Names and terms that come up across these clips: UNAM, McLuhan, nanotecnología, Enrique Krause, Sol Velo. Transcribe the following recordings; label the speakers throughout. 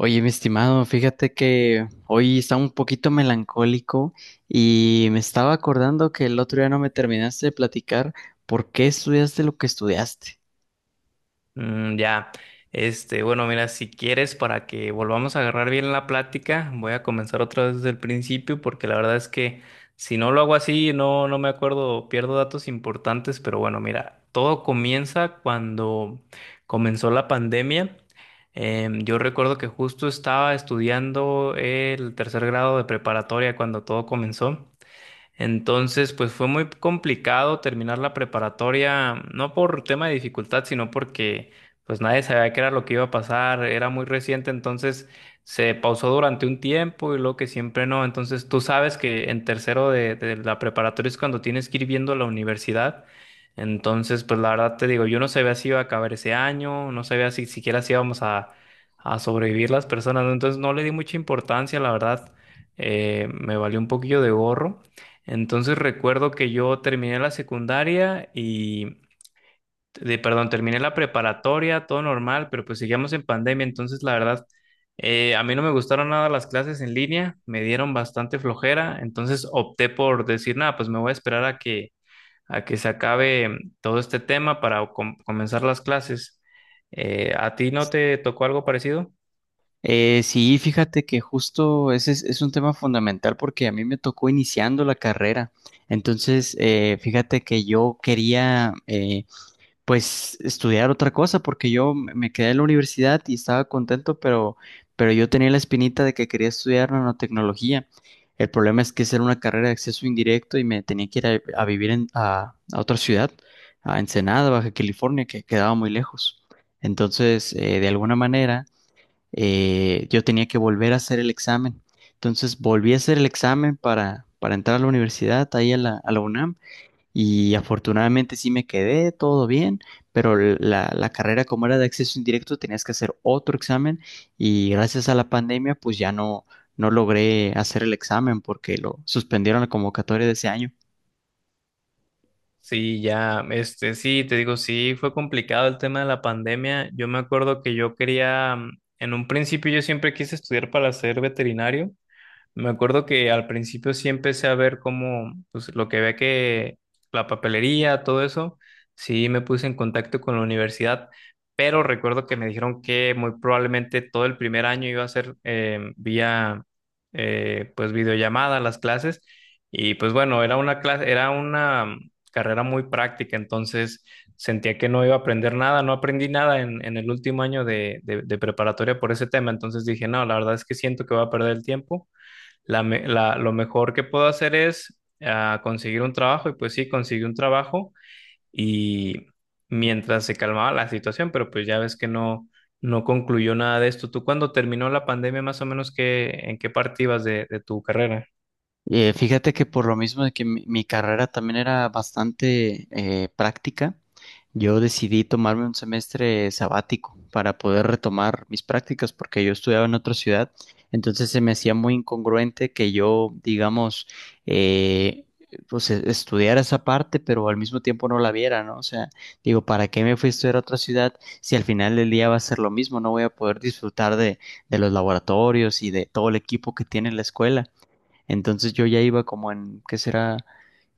Speaker 1: Oye, mi estimado, fíjate que hoy está un poquito melancólico y me estaba acordando que el otro día no me terminaste de platicar por qué estudiaste lo que estudiaste.
Speaker 2: Mm, ya. Este, bueno, mira, si quieres, para que volvamos a agarrar bien la plática, voy a comenzar otra vez desde el principio, porque la verdad es que si no lo hago así, no, no me acuerdo, pierdo datos importantes, pero bueno, mira, todo comienza cuando comenzó la pandemia. Yo recuerdo que justo estaba estudiando el tercer grado de preparatoria cuando todo comenzó. Entonces, pues fue muy complicado terminar la preparatoria, no por tema de dificultad, sino porque pues nadie sabía qué era lo que iba a pasar, era muy reciente, entonces se pausó durante un tiempo y luego que siempre no. Entonces, tú sabes que en tercero de la preparatoria es cuando tienes que ir viendo la universidad. Entonces, pues la verdad te digo, yo no sabía si iba a acabar ese año, no sabía si siquiera si íbamos a sobrevivir las personas, ¿no? Entonces no le di mucha importancia, la verdad, me valió un poquillo de gorro. Entonces recuerdo que yo terminé la secundaria perdón, terminé la preparatoria, todo normal, pero pues seguíamos en pandemia, entonces la verdad, a mí no me gustaron nada las clases en línea, me dieron bastante flojera, entonces opté por decir, nada, pues me voy a esperar a que se acabe todo este tema para comenzar las clases. ¿A ti no te tocó algo parecido?
Speaker 1: Sí, fíjate que justo ese es un tema fundamental porque a mí me tocó iniciando la carrera. Entonces, fíjate que yo quería pues estudiar otra cosa, porque yo me quedé en la universidad y estaba contento, pero yo tenía la espinita de que quería estudiar nanotecnología. El problema es que esa era una carrera de acceso indirecto y me tenía que ir a vivir a otra ciudad, a Ensenada, Baja California, que quedaba muy lejos. Entonces, de alguna manera, yo tenía que volver a hacer el examen. Entonces, volví a hacer el examen para entrar a la universidad, ahí a la UNAM. Y afortunadamente sí me quedé, todo bien, pero la carrera como era de acceso indirecto tenías que hacer otro examen y gracias a la pandemia pues ya no, no logré hacer el examen porque lo suspendieron la convocatoria de ese año.
Speaker 2: Sí, ya, este, sí, te digo, sí, fue complicado el tema de la pandemia. Yo me acuerdo que yo quería, en un principio yo siempre quise estudiar para ser veterinario, me acuerdo que al principio sí empecé a ver como, pues lo que ve que la papelería, todo eso, sí me puse en contacto con la universidad, pero recuerdo que me dijeron que muy probablemente todo el primer año iba a ser vía, pues videollamada las clases, y pues bueno, era una clase, era una carrera muy práctica, entonces sentía que no iba a aprender nada, no aprendí nada en el último año de preparatoria por ese tema, entonces dije, no, la verdad es que siento que voy a perder el tiempo, lo mejor que puedo hacer es conseguir un trabajo y pues sí, conseguí un trabajo y mientras se calmaba la situación, pero pues ya ves que no, no concluyó nada de esto. ¿Tú cuando terminó la pandemia, más o menos, qué, en qué parte ibas de tu carrera?
Speaker 1: Fíjate que por lo mismo de que mi carrera también era bastante práctica, yo decidí tomarme un semestre sabático para poder retomar mis prácticas porque yo estudiaba en otra ciudad, entonces se me hacía muy incongruente que yo, digamos, eh, pues estudiara esa parte, pero al mismo tiempo no la viera, ¿no? O sea, digo, ¿para qué me fui a estudiar a otra ciudad si al final del día va a ser lo mismo? No voy a poder disfrutar de los laboratorios y de todo el equipo que tiene la escuela. Entonces yo ya iba como en, ¿qué será?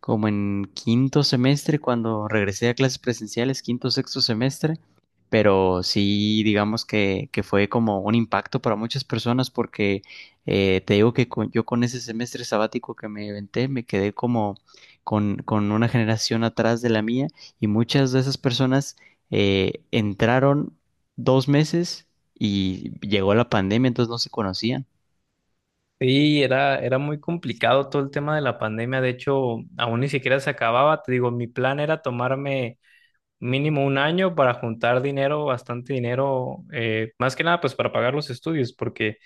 Speaker 1: Como en quinto semestre cuando regresé a clases presenciales, quinto, sexto semestre, pero sí digamos que fue como un impacto para muchas personas porque te digo que yo con ese semestre sabático que me inventé me quedé como con una generación atrás de la mía y muchas de esas personas entraron dos meses y llegó la pandemia, entonces no se conocían.
Speaker 2: Sí, era, era muy complicado todo el tema de la pandemia. De hecho, aún ni siquiera se acababa. Te digo, mi plan era tomarme mínimo un año para juntar dinero, bastante dinero, más que nada pues para pagar los estudios, porque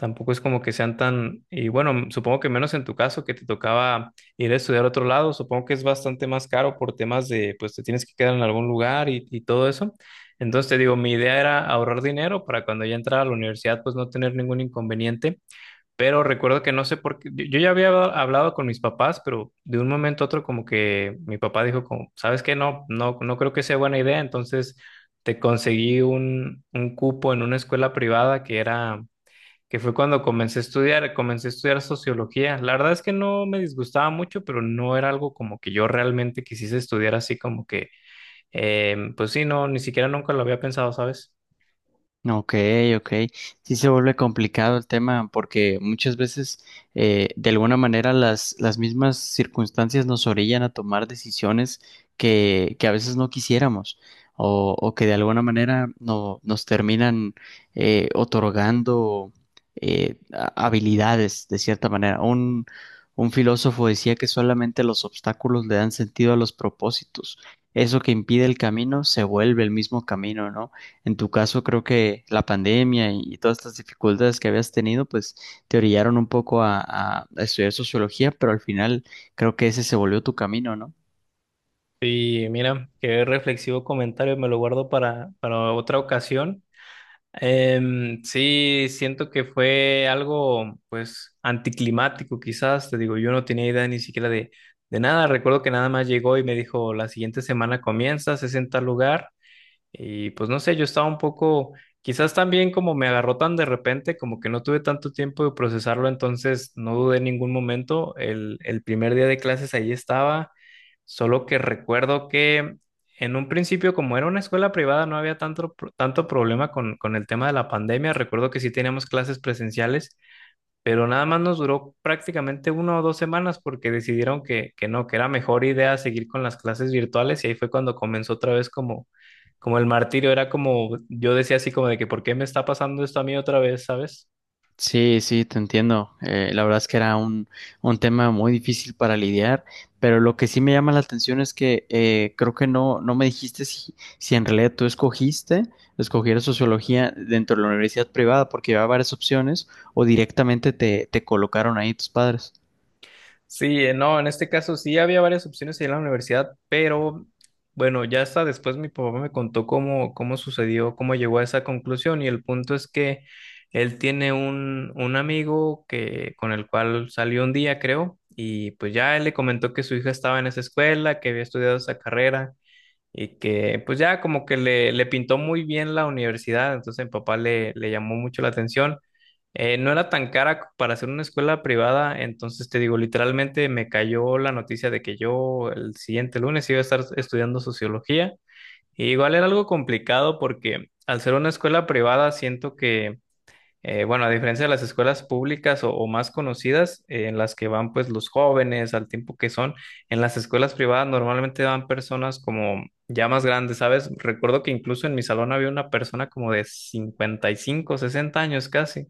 Speaker 2: tampoco es como que sean tan, y bueno, supongo que menos en tu caso que te tocaba ir a estudiar a otro lado, supongo que es bastante más caro por temas de, pues te tienes que quedar en algún lugar y todo eso. Entonces te digo, mi idea era ahorrar dinero para cuando ya entrara a la universidad, pues no tener ningún inconveniente, pero recuerdo que no sé por qué, yo ya había hablado con mis papás, pero de un momento a otro como que mi papá dijo como, ¿sabes qué? No, no, no creo que sea buena idea, entonces te conseguí un cupo en una escuela privada que era que fue cuando comencé a estudiar sociología. La verdad es que no me disgustaba mucho, pero no era algo como que yo realmente quisiese estudiar así como que, pues sí, no, ni siquiera nunca lo había pensado, ¿sabes?
Speaker 1: Ok, ok. Sí se vuelve complicado el tema porque muchas veces de alguna manera las mismas circunstancias nos orillan a tomar decisiones que a veces no quisiéramos o que de alguna manera no, nos terminan otorgando habilidades de cierta manera. Un filósofo decía que solamente los obstáculos le dan sentido a los propósitos. Eso que impide el camino se vuelve el mismo camino, ¿no? En tu caso, creo que la pandemia y todas estas dificultades que habías tenido, pues te orillaron un poco a, a estudiar sociología, pero al final creo que ese se volvió tu camino, ¿no?
Speaker 2: Y mira, qué reflexivo comentario, me lo guardo para otra ocasión. Em, sí, siento que fue algo, pues, anticlimático quizás, te digo, yo no tenía idea ni siquiera de nada, recuerdo que nada más llegó y me dijo, la siguiente semana comienzas, es en tal lugar. Y pues no sé, yo estaba un poco, quizás también como me agarró tan de repente, como que no tuve tanto tiempo de procesarlo, entonces no dudé en ningún momento. El primer día de clases ahí estaba, solo que recuerdo que en un principio, como era una escuela privada, no había tanto, tanto problema con el tema de la pandemia. Recuerdo que sí teníamos clases presenciales, pero nada más nos duró prácticamente 1 o 2 semanas porque decidieron que, no, que era mejor idea seguir con las clases virtuales y ahí fue cuando comenzó otra vez como el martirio, era como, yo decía así como de que, ¿por qué me está pasando esto a mí otra vez, sabes?
Speaker 1: Sí, sí, te entiendo. La verdad es que era un tema muy difícil para lidiar, pero lo que sí me llama la atención es que creo que no, no me dijiste si, si en realidad tú escogiste escoger sociología dentro de la universidad privada porque había varias opciones o directamente te, te colocaron ahí tus padres.
Speaker 2: Sí, no, en este caso sí había varias opciones ahí en la universidad, pero bueno, ya hasta después mi papá me contó cómo sucedió, cómo llegó a esa conclusión y el punto es que él tiene un amigo que, con el cual salió un día, creo, y pues ya él le comentó que su hija estaba en esa escuela, que había estudiado esa carrera y que pues ya como que le pintó muy bien la universidad, entonces mi papá le llamó mucho la atención. No era tan cara para hacer una escuela privada, entonces te digo, literalmente me cayó la noticia de que yo el siguiente lunes iba a estar estudiando sociología. Y igual era algo complicado porque al ser una escuela privada siento que bueno, a diferencia de las escuelas públicas o más conocidas, en las que van pues los jóvenes al tiempo que son, en las escuelas privadas normalmente van personas como ya más grandes, ¿sabes? Recuerdo que incluso en mi salón había una persona como de 55, 60 años casi.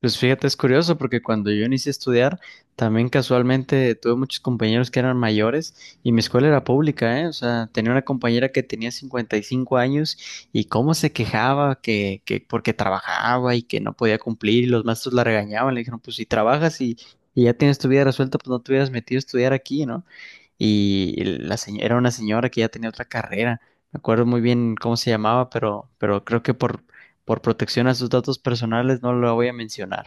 Speaker 1: Pues fíjate, es curioso porque cuando yo inicié a estudiar, también casualmente tuve muchos compañeros que eran mayores y mi escuela era pública, ¿eh? O sea, tenía una compañera que tenía 55 años y cómo se quejaba que porque trabajaba y que no podía cumplir y los maestros la regañaban, le dijeron, pues si trabajas y ya tienes tu vida resuelta, pues no te hubieras metido a estudiar aquí, ¿no? Y la señora, era una señora que ya tenía otra carrera, me acuerdo muy bien cómo se llamaba, pero creo que por protección a sus datos personales no lo voy a mencionar.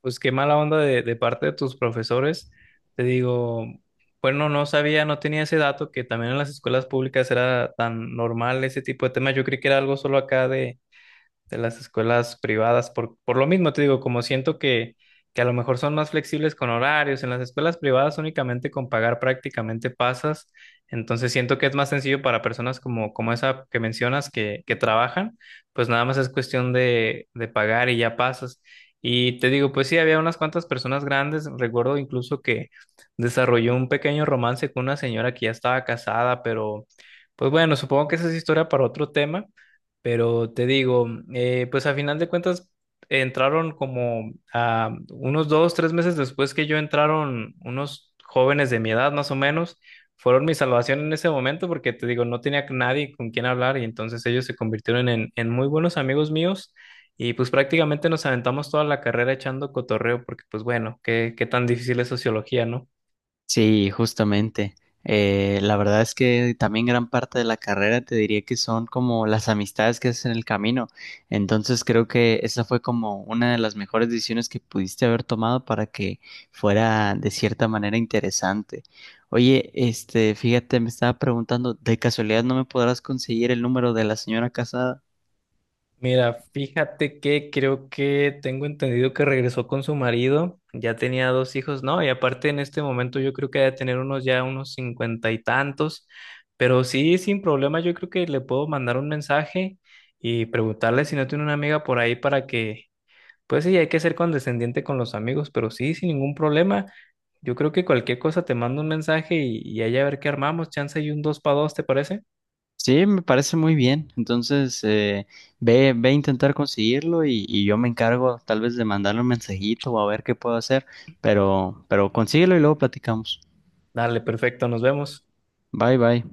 Speaker 2: Pues qué mala onda de parte de tus profesores. Te digo, bueno, no sabía, no tenía ese dato que también en las escuelas públicas era tan normal ese tipo de temas. Yo creí que era algo solo acá de las escuelas privadas, por lo mismo te digo, como siento que a lo mejor son más flexibles con horarios, en las escuelas privadas únicamente con pagar prácticamente pasas, entonces siento que es más sencillo para personas como esa que mencionas que trabajan, pues nada más es cuestión de pagar y ya pasas. Y te digo, pues sí, había unas cuantas personas grandes, recuerdo incluso que desarrolló un pequeño romance con una señora que ya estaba casada, pero pues bueno, supongo que esa es historia para otro tema. Pero te digo, pues a final de cuentas entraron como unos 2, 3 meses después que yo entraron unos jóvenes de mi edad más o menos, fueron mi salvación en ese momento porque te digo, no tenía nadie con quien hablar y entonces ellos se convirtieron en muy buenos amigos míos y pues prácticamente nos aventamos toda la carrera echando cotorreo porque pues bueno, qué, qué tan difícil es sociología, ¿no?
Speaker 1: Sí, justamente. La verdad es que también gran parte de la carrera te diría que son como las amistades que haces en el camino. Entonces creo que esa fue como una de las mejores decisiones que pudiste haber tomado para que fuera de cierta manera interesante. Oye, este, fíjate, me estaba preguntando, ¿de casualidad no me podrás conseguir el número de la señora casada?
Speaker 2: Mira, fíjate que creo que tengo entendido que regresó con su marido, ya tenía dos hijos, ¿no? Y aparte en este momento yo creo que debe tener unos ya unos cincuenta y tantos, pero sí, sin problema, yo creo que le puedo mandar un mensaje y preguntarle si no tiene una amiga por ahí para que, pues sí, hay que ser condescendiente con los amigos, pero sí, sin ningún problema, yo creo que cualquier cosa te mando un mensaje y ahí a ver qué armamos, chance y un dos para dos, ¿te parece?
Speaker 1: Sí, me parece muy bien. Entonces, ve, ve a intentar conseguirlo y yo me encargo tal vez de mandarle un mensajito o a ver qué puedo hacer, pero consíguelo y luego platicamos.
Speaker 2: Dale, perfecto, nos vemos.
Speaker 1: Bye, bye.